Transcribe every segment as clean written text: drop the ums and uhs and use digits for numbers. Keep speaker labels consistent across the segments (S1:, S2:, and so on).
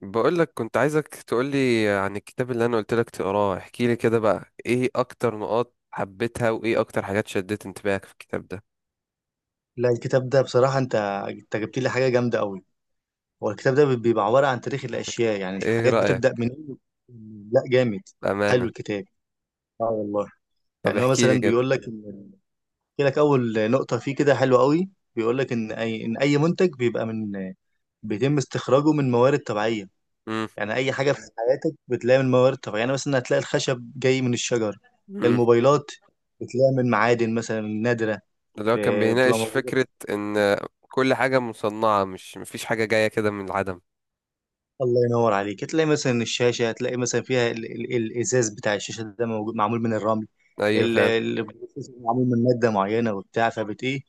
S1: بقولك كنت عايزك تقولي عن الكتاب اللي انا قلتلك تقراه. احكيلي كده بقى، ايه اكتر نقاط حبيتها وايه اكتر حاجات شدت انتباهك في الكتاب ده؟
S2: لا، الكتاب ده بصراحة، أنت جبت لي حاجة جامدة أوي. هو الكتاب ده بيبقى عبارة عن تاريخ الأشياء، يعني
S1: ايه
S2: الحاجات
S1: رأيك
S2: بتبدأ من. لا، جامد. حلو
S1: بأمانة؟
S2: الكتاب. اه، والله.
S1: طب
S2: يعني هو
S1: احكيلي
S2: مثلا
S1: كده.
S2: بيقول لك بيقول لك أول نقطة فيه كده حلوة أوي. بيقول لك إن أي منتج بيبقى بيتم استخراجه من موارد طبيعية.
S1: امم
S2: يعني أي حاجة في حياتك بتلاقي من موارد طبيعية، يعني مثلا هتلاقي الخشب جاي من الشجر.
S1: امم
S2: الموبايلات بتلاقي من معادن مثلا نادرة.
S1: اللي هو كان
S2: بتبقى
S1: بيناقش فكرة
S2: موجودة.
S1: ان كل حاجة مصنعة، مش مفيش حاجة جاية كده من العدم.
S2: الله ينور عليك، هتلاقي مثلا الشاشه، هتلاقي مثلا فيها ال الازاز بتاع الشاشه ده موجود معمول من الرمل.
S1: ايوه
S2: ال-
S1: فعلا.
S2: ال- معمول من ماده معينه وبتاع فبت ايه.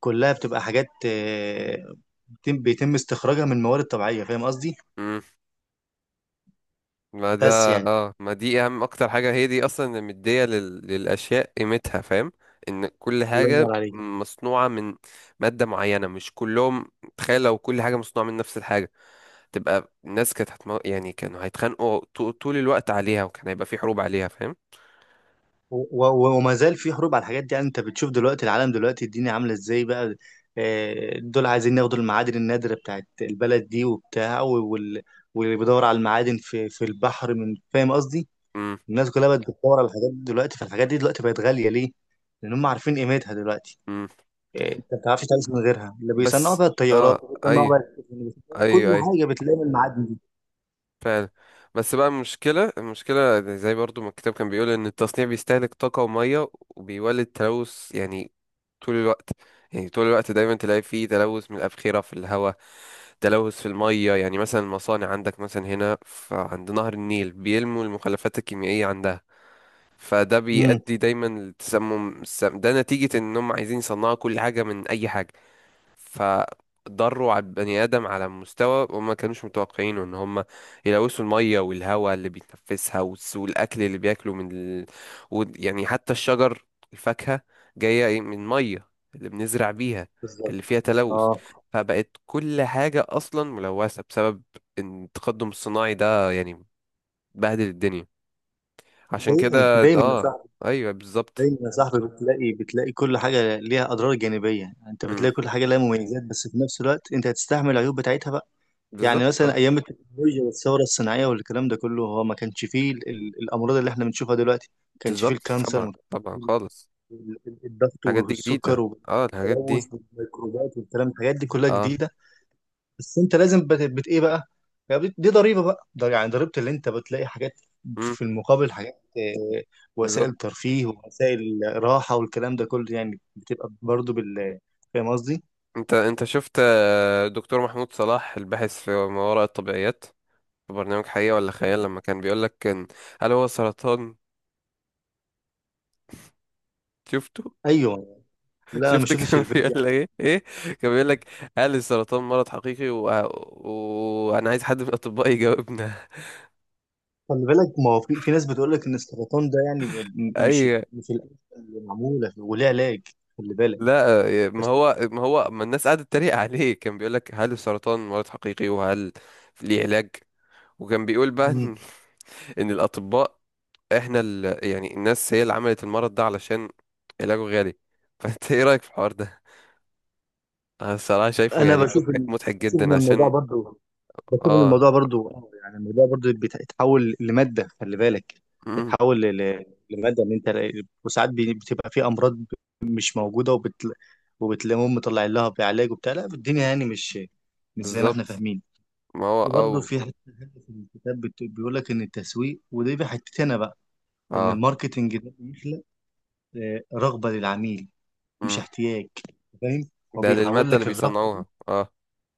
S2: كلها بتبقى حاجات، بيتم استخراجها من موارد طبيعيه، فاهم قصدي.
S1: ما ده
S2: بس يعني.
S1: اه، ما دي اهم اكتر حاجة، هي دي اصلا اللي مدية للاشياء قيمتها، فاهم؟ ان كل
S2: الله
S1: حاجة
S2: ينور عليك.
S1: مصنوعة من مادة معينة، مش كلهم. تخيل لو كل حاجة مصنوعة من نفس الحاجة، تبقى الناس كانت يعني كانوا هيتخانقوا طول الوقت عليها، وكان هيبقى في حروب عليها، فاهم؟
S2: وما زال في حروب على الحاجات دي، يعني انت بتشوف دلوقتي العالم، دلوقتي الدنيا عامله ازاي بقى. دول عايزين ياخدوا المعادن النادره بتاعت البلد دي وبتاع واللي بيدور على المعادن في البحر من، فاهم قصدي.
S1: امم
S2: الناس كلها بقت بتدور على الحاجات دي دلوقتي، فالحاجات دي دلوقتي بقت غالية ليه؟ لأن هم عارفين قيمتها دلوقتي.
S1: امم
S2: انت ما بتعرفش تعيش من غيرها. اللي بيصنعوا
S1: بس.
S2: بقى
S1: اه،
S2: الطيارات، اللي بيصنعوا بقى
S1: ايوه،
S2: السفن، اللي بيصنعوا كل
S1: ايوه، ايوه،
S2: حاجة بتلاقي من المعادن دي.
S1: فعلا. بس بقى المشكلة، زي برضو ما الكتاب كان بيقول إن التصنيع بيستهلك طاقة ومية وبيولد تلوث، يعني طول الوقت. يعني طول الوقت دايما تلاقي فيه تلوث من الأبخرة في الهواء، تلوث في المية، يعني مثلا المصانع عندك مثلا هنا عند نهر النيل بيلموا المخلفات الكيميائية عندها. فده
S2: امم.
S1: بيؤدي دايما لتسمم. السم ده نتيجة إنهم عايزين يصنعوا كل حاجة من أي حاجة. فضروا على البني آدم على مستوى وما كانوش متوقعينه، ان هم يلوثوا المية والهواء اللي بيتنفسها، والاكل اللي بياكله يعني حتى الشجر، الفاكهة جاية إيه؟ من مية اللي بنزرع بيها، اللي
S2: بالظبط،
S1: فيها تلوث.
S2: اه.
S1: فبقت كل حاجة أصلا ملوثة بسبب إن التقدم الصناعي ده يعني بهدل الدنيا. عشان كده
S2: دايما دايما يا
S1: اه.
S2: صاحبي،
S1: ايوه بالظبط.
S2: دايما يا صاحبي بتلاقي كل حاجة ليها أضرار جانبية. انت
S1: مم،
S2: بتلاقي كل حاجة ليها مميزات، بس في نفس الوقت انت هتستحمل العيوب بتاعتها بقى.
S1: بالظبط
S2: يعني مثلا
S1: اه.
S2: أيام التكنولوجيا والثورة الصناعية والكلام ده كله، هو ما كانش فيه الأمراض اللي احنا بنشوفها دلوقتي، ما كانش فيه
S1: بالظبط
S2: الكانسر.
S1: طبعا
S2: ما
S1: طبعا
S2: ال-
S1: خالص.
S2: ال- الضغط
S1: الحاجات دي
S2: والسكر
S1: جديدة، اه الحاجات
S2: والتلوث
S1: دي
S2: والميكروبات والكلام، الحاجات دي كلها
S1: اه.
S2: جديده. بس انت لازم بت ايه بقى. يعني دي ضريبه بقى، ده يعني ضريبه، اللي انت بتلاقي حاجات
S1: امم
S2: في المقابل حاجات،
S1: بالظبط.
S2: وسائل ترفيه ووسائل راحه والكلام ده كله، يعني بتبقى برضو بال. فاهم قصدي؟
S1: انت شفت آه، دكتور محمود صلاح الباحث في ما وراء الطبيعيات، في برنامج حقيقة ولا خيال، لما كان بيقول لك، كان هل هو سرطان؟ شفته؟
S2: ايوه. لا، انا ما
S1: شفت
S2: شفتش
S1: كان
S2: الفيديو
S1: بيقول
S2: يعني.
S1: لك ايه ايه؟ كان بيقول لك هل السرطان مرض حقيقي و- وانا عايز حد من الاطباء يجاوبنا.
S2: خلي بالك، ما هو في ناس بتقول لك ان السرطان ده يعني
S1: اي.
S2: مش الأنسة اللي معموله وليه علاج، خلي بالك.
S1: لا. آه، ما هو ما الناس قعدت تتريق عليه، كان بيقول لك هل السرطان مرض حقيقي وهل ليه علاج، وكان بيقول بقى
S2: بس
S1: ان إن الاطباء احنا يعني الناس هي اللي عملت المرض ده علشان علاجه غالي. فانت ايه رأيك في الحوار ده؟ انا الصراحة شايفه
S2: انا
S1: يعني
S2: بشوف
S1: مضحك،
S2: ان،
S1: مضحك
S2: بشوف
S1: جدا،
S2: ان الموضوع
S1: عشان
S2: برضو، بشوف ان
S1: اه.
S2: الموضوع برضو، يعني الموضوع برضو بيتحول لماده، خلي بالك.
S1: مم.
S2: اتحول لماده ان انت، وساعات بتبقى في امراض مش موجوده وبت، وبتلاقيهم مطلعين لها بعلاج وبتاع. لا، الدنيا يعني مش، مش زي ما احنا
S1: بالظبط.
S2: فاهمين.
S1: ما هو
S2: وبرضه
S1: او
S2: في حته، حتة في الكتاب بيقول لك ان التسويق، ودي بقى حتتي انا بقى، ان
S1: اه.
S2: الماركتنج ده بيخلق رغبه للعميل، مش
S1: مم.
S2: احتياج، فاهم. هو
S1: ده
S2: بيحول
S1: للمادة اللي
S2: لك الرغبه.
S1: بيصنعوها اه.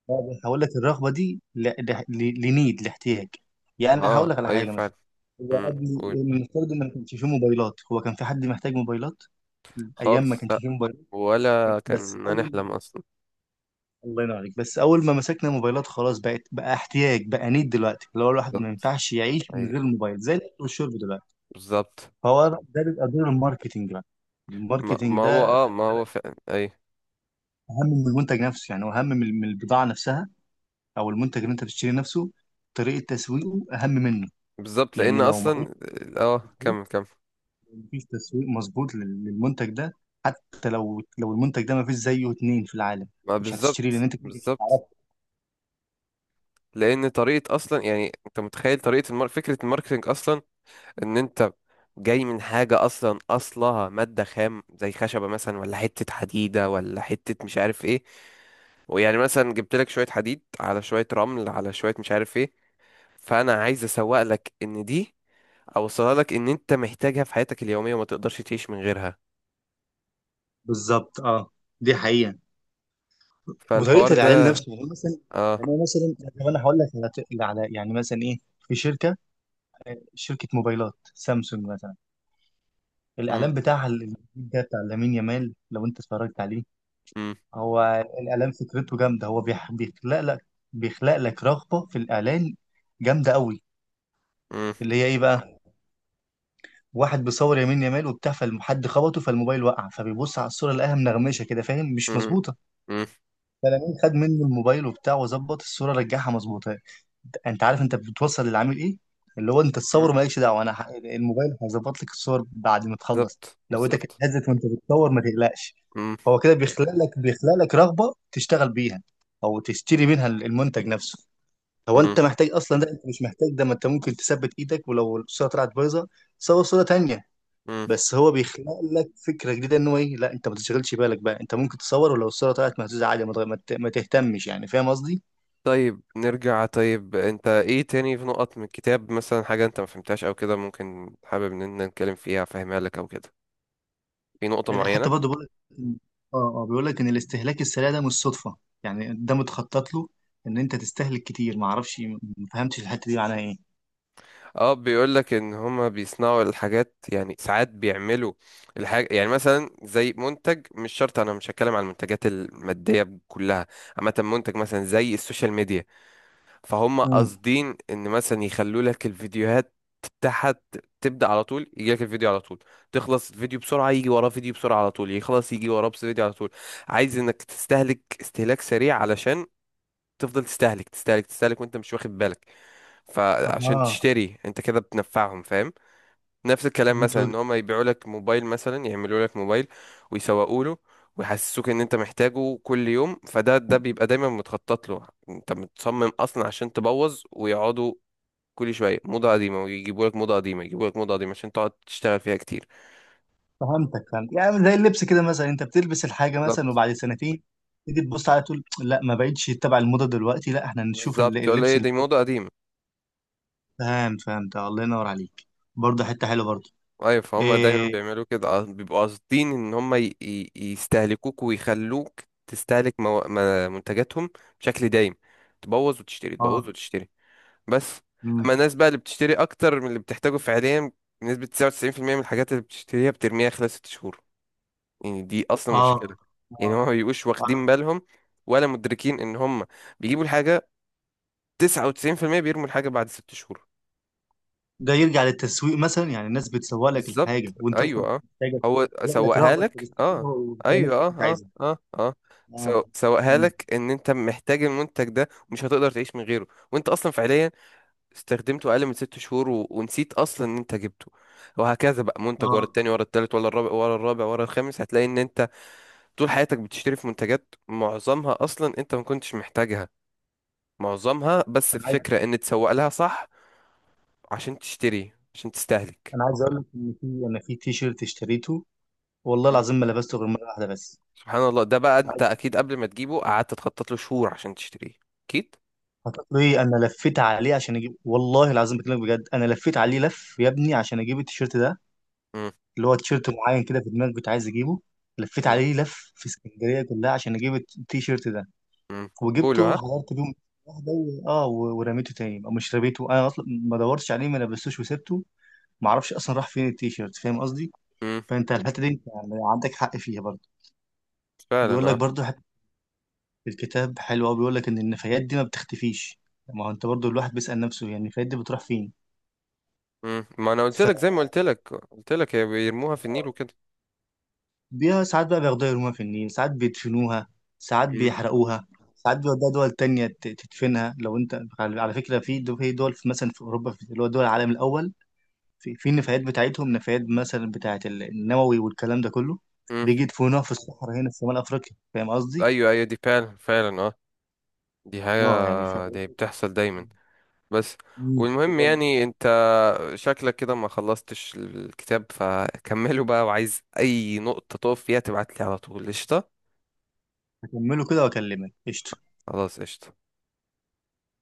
S2: لا، بس هقول لك الرغبه دي لنيد، لاحتياج. يعني انا
S1: اه
S2: هقول لك على
S1: ايوه
S2: حاجه مثلا.
S1: فعلا.
S2: هو
S1: مم.
S2: قبل
S1: قول.
S2: المفترض ان ما كانش فيه موبايلات، هو كان في حد محتاج موبايلات ايام ما
S1: خالص
S2: كانش
S1: لا.
S2: فيه موبايلات؟
S1: ولا
S2: بس
S1: كان
S2: اول
S1: هنحلم اصلا.
S2: الله ينور عليك. بس اول ما مسكنا موبايلات، خلاص بقت بقى احتياج بقى، نيد دلوقتي، اللي هو الواحد ما
S1: بالظبط
S2: ينفعش يعيش من
S1: اي.
S2: غير الموبايل زي الاكل والشرب دلوقتي.
S1: بالظبط.
S2: فهو ده بيبقى دور الماركتينج بقى.
S1: ما
S2: الماركتينج
S1: هو
S2: ده
S1: اه،
S2: خلي
S1: ما هو
S2: بالك،
S1: فعلا اي.
S2: اهم من المنتج نفسه، يعني هو اهم من البضاعه نفسها، او المنتج اللي انت بتشتري نفسه، طريقه تسويقه اهم منه.
S1: بالظبط،
S2: لان
S1: لان
S2: لو ما فيش
S1: اصلا اه،
S2: تسويق،
S1: كمل كمل.
S2: مفيش تسويق مظبوط للمنتج ده، حتى لو المنتج ده ما فيش زيه اتنين في العالم،
S1: ما
S2: مش هتشتريه
S1: بالظبط
S2: لان انت كده كده مش
S1: بالظبط.
S2: هتعرفه.
S1: لان طريقه اصلا يعني انت متخيل طريقه فكره الماركتنج اصلا؟ ان انت جاي من حاجه اصلا اصلها ماده خام، زي خشبه مثلا ولا حته حديده ولا حته مش عارف ايه. ويعني مثلا جبت لك شويه حديد على شويه رمل على شويه مش عارف ايه، فانا عايز اسوق لك ان دي، اوصلها لك ان انت محتاجها في حياتك اليوميه وما تقدرش تعيش من غيرها.
S2: بالظبط، اه. دي حقيقة.
S1: فالحوار
S2: وطريقة
S1: ده
S2: الاعلان نفسه يعني مثلا، يعني
S1: اه.
S2: أنا مثلا، طب انا هقول لك، على يعني مثلا ايه، في شركة موبايلات سامسونج مثلا،
S1: مم،
S2: الاعلان بتاعها الجديد ده بتاع لامين يامال، لو انت اتفرجت عليه،
S1: مم،
S2: هو الاعلان فكرته جامدة. هو بيخلق لك، بيخلق لك رغبة في الاعلان جامدة قوي،
S1: مم،
S2: اللي هي ايه بقى. واحد بيصور يمين يمال وبتاع، فالحد خبطه، فالموبايل وقع، فبيبص على الصوره لقاها منغمشه كده، فاهم، مش
S1: مم،
S2: مظبوطه.
S1: مم،
S2: خد منه الموبايل وبتاع وظبط الصوره، رجعها مظبوطه. انت عارف انت بتوصل للعميل ايه؟ اللي هو انت
S1: مم.
S2: الصور مالكش دعوه، انا الموبايل هيظبط لك الصور بعد ما تخلص.
S1: بالظبط
S2: لو ايدك
S1: بالظبط.
S2: اتهزت وانت بتصور ما تقلقش.
S1: مم،
S2: هو كده بيخلق لك، رغبه تشتغل بيها او تشتري منها المنتج نفسه. هو
S1: مم،
S2: انت محتاج اصلا ده؟ انت مش محتاج ده، ما انت ممكن تثبت ايدك، ولو الصوره طلعت بايظه صور صوره تانية.
S1: مم.
S2: بس هو بيخلق لك فكره جديده ان هو ايه، لا انت ما تشغلش بالك بقى، انت ممكن تصور ولو الصوره طلعت مهزوزه عادي، ما تغ- ما ت- ما تهتمش، يعني فاهم قصدي.
S1: طيب نرجع. طيب انت ايه تاني في نقط من الكتاب مثلا؟ حاجة انت ما فهمتهاش او كده ممكن حابب ان احنا نتكلم فيها، فاهمها لك او كده؟ في نقطة
S2: حتى
S1: معينة؟
S2: برضه بيقول لك، اه بيقول لك ان الاستهلاك السريع ده مش صدفه، يعني ده متخطط له ان انت تستهلك كتير. ما اعرفش، ما فهمتش الحته دي معناها ايه.
S1: اه، بيقول لك ان هما بيصنعوا الحاجات، يعني ساعات بيعملوا الحاجة، يعني مثلا زي منتج. مش شرط انا مش هتكلم على المنتجات المادية كلها، عامة منتج مثلا زي السوشيال ميديا. فهم
S2: امم.
S1: قاصدين ان مثلا يخلوا لك الفيديوهات تحت تبدأ على طول، يجي لك الفيديو على طول، تخلص الفيديو بسرعة يجي وراه فيديو بسرعة على طول، يخلص يجي وراه بس فيديو على طول. عايز انك تستهلك استهلاك سريع، علشان تفضل تستهلك تستهلك تستهلك وانت مش واخد بالك. فعشان
S2: اها.
S1: تشتري انت كده بتنفعهم، فاهم؟ نفس الكلام
S2: فهمت
S1: مثلا، ان
S2: وجه-
S1: هم يبيعوا لك موبايل، مثلا يعملوا لك موبايل ويسوقوا له ويحسسوك ان انت محتاجه كل يوم، فده بيبقى دايما متخطط له. انت متصمم اصلا عشان تبوظ، ويقعدوا كل شويه موضه قديمه ويجيبوا لك موضه قديمه، يجيبوا لك موضه قديمه عشان تقعد تشتغل فيها كتير.
S2: فهمتك، فهمت، يعني زي اللبس كده مثلا، انت بتلبس الحاجه
S1: بالظبط
S2: مثلا وبعد سنتين تيجي تبص عليها تقول لا، ما بقتش تبع الموضه دلوقتي، لا، احنا نشوف
S1: بالظبط، تقول
S2: اللبس،
S1: ايه دي
S2: الموضه.
S1: موضه قديمه.
S2: فاهم، فهمت، الله ينور عليك. برضه حته حلوه برضه.
S1: ايوه فهم دايما
S2: إيه.
S1: بيعملوا كده. آه، بيبقوا قاصدين ان هم يستهلكوك ويخلوك تستهلك مو... ما- منتجاتهم بشكل دايم، تبوظ وتشتري، تبوظ
S2: اه.
S1: وتشتري، بس.
S2: مم.
S1: اما الناس بقى اللي بتشتري اكتر من اللي بتحتاجه فعليا، بنسبة 99% من الحاجات اللي بتشتريها بترميها خلال 6 شهور. يعني دي اصلا
S2: اه،
S1: مشكلة. يعني
S2: اه.
S1: هما ما بيبقوش
S2: آه.
S1: واخدين بالهم ولا مدركين ان هما بيجيبوا الحاجة 99% بيرموا الحاجة بعد 6 شهور.
S2: ده يرجع للتسويق مثلا، يعني الناس بتسوق لك
S1: بالظبط
S2: الحاجه وانت اصلا
S1: ايوه اه.
S2: مش محتاجه،
S1: هو
S2: تلاقي لك
S1: سوقها
S2: رغبه انت
S1: لك اه.
S2: تشتريها وتلاقي
S1: ايوه،
S2: نفسك مش
S1: اه،
S2: عايزها.
S1: اه، اه، اه.
S2: اه.
S1: سوقها
S2: مم.
S1: لك ان انت محتاج المنتج ده ومش هتقدر تعيش من غيره، وانت اصلا فعليا استخدمته اقل من 6 شهور، و... ونسيت اصلا ان انت جبته. وهكذا بقى منتج ورا
S2: اه.
S1: التاني ورا التالت ورا الرابع ورا الخامس. هتلاقي ان انت طول حياتك بتشتري في منتجات معظمها اصلا انت ما كنتش محتاجها، معظمها بس
S2: انا عايز
S1: الفكرة ان تسوق لها صح، عشان تشتري عشان تستهلك.
S2: انا عايز اقول لك ان في، انا في تي شيرت اشتريته، والله
S1: مم.
S2: العظيم ما لبسته غير مره واحده بس.
S1: سبحان الله، ده بقى انت اكيد قبل ما تجيبه قعدت تخطط له شهور عشان تشتريه، اكيد.
S2: هتقولي انا لفيت عليه عشان اجيب، والله العظيم بكلمك بجد، انا لفيت عليه لف يا ابني عشان اجيب التيشيرت ده،
S1: مم.
S2: اللي هو تيشيرت معين كده في دماغي كنت عايز اجيبه. لفيت
S1: مم.
S2: عليه لف في اسكندريه كلها عشان اجيب التيشيرت ده،
S1: مم. بولو
S2: وجبته
S1: ها.
S2: حضرت بيه واحده و ورميته تاني، او مش رميته، انا اصلا ما دورتش عليه ما لبستوش وسبته. ما اعرفش اصلا راح فين التيشيرت، فاهم قصدي.
S1: مم.
S2: فانت الحته دي انت يعني عندك حق فيها برضه.
S1: فعلا
S2: بيقول لك
S1: اه.
S2: برضه حته، الكتاب حلو قوي، بيقول لك ان النفايات دي ما بتختفيش. ما هو انت برضه الواحد بيسال نفسه يعني النفايات دي بتروح
S1: مم. ما انا قلت
S2: فين؟
S1: لك، زي ما قلت لك هي بيرموها في النيل وكده.
S2: بيها ساعات بقى بياخدوها يرموها في النيل، ساعات بيدفنوها، ساعات
S1: مم.
S2: بيحرقوها، ساعات بيودوها دول تانية تدفنها. لو انت على فكرة، في في دول، في مثلا في أوروبا، في اللي هو دول العالم الأول، في النفايات بتاعتهم، نفايات مثلا بتاعة النووي والكلام ده كله،
S1: مم.
S2: بيجي يدفنوها في الصحراء هنا في شمال أفريقيا، فاهم قصدي؟
S1: ايوه ايوه، دي فعلا فعلا اه. دي حاجة،
S2: اه يعني ف.
S1: دي بتحصل دايما بس.
S2: مم.
S1: والمهم يعني انت شكلك كده ما خلصتش الكتاب، فكمله بقى. وعايز اي نقطة تقف فيها تبعت لي على طول، قشطة؟
S2: هكمله كده وأكلمك، قشطة.
S1: خلاص قشطة.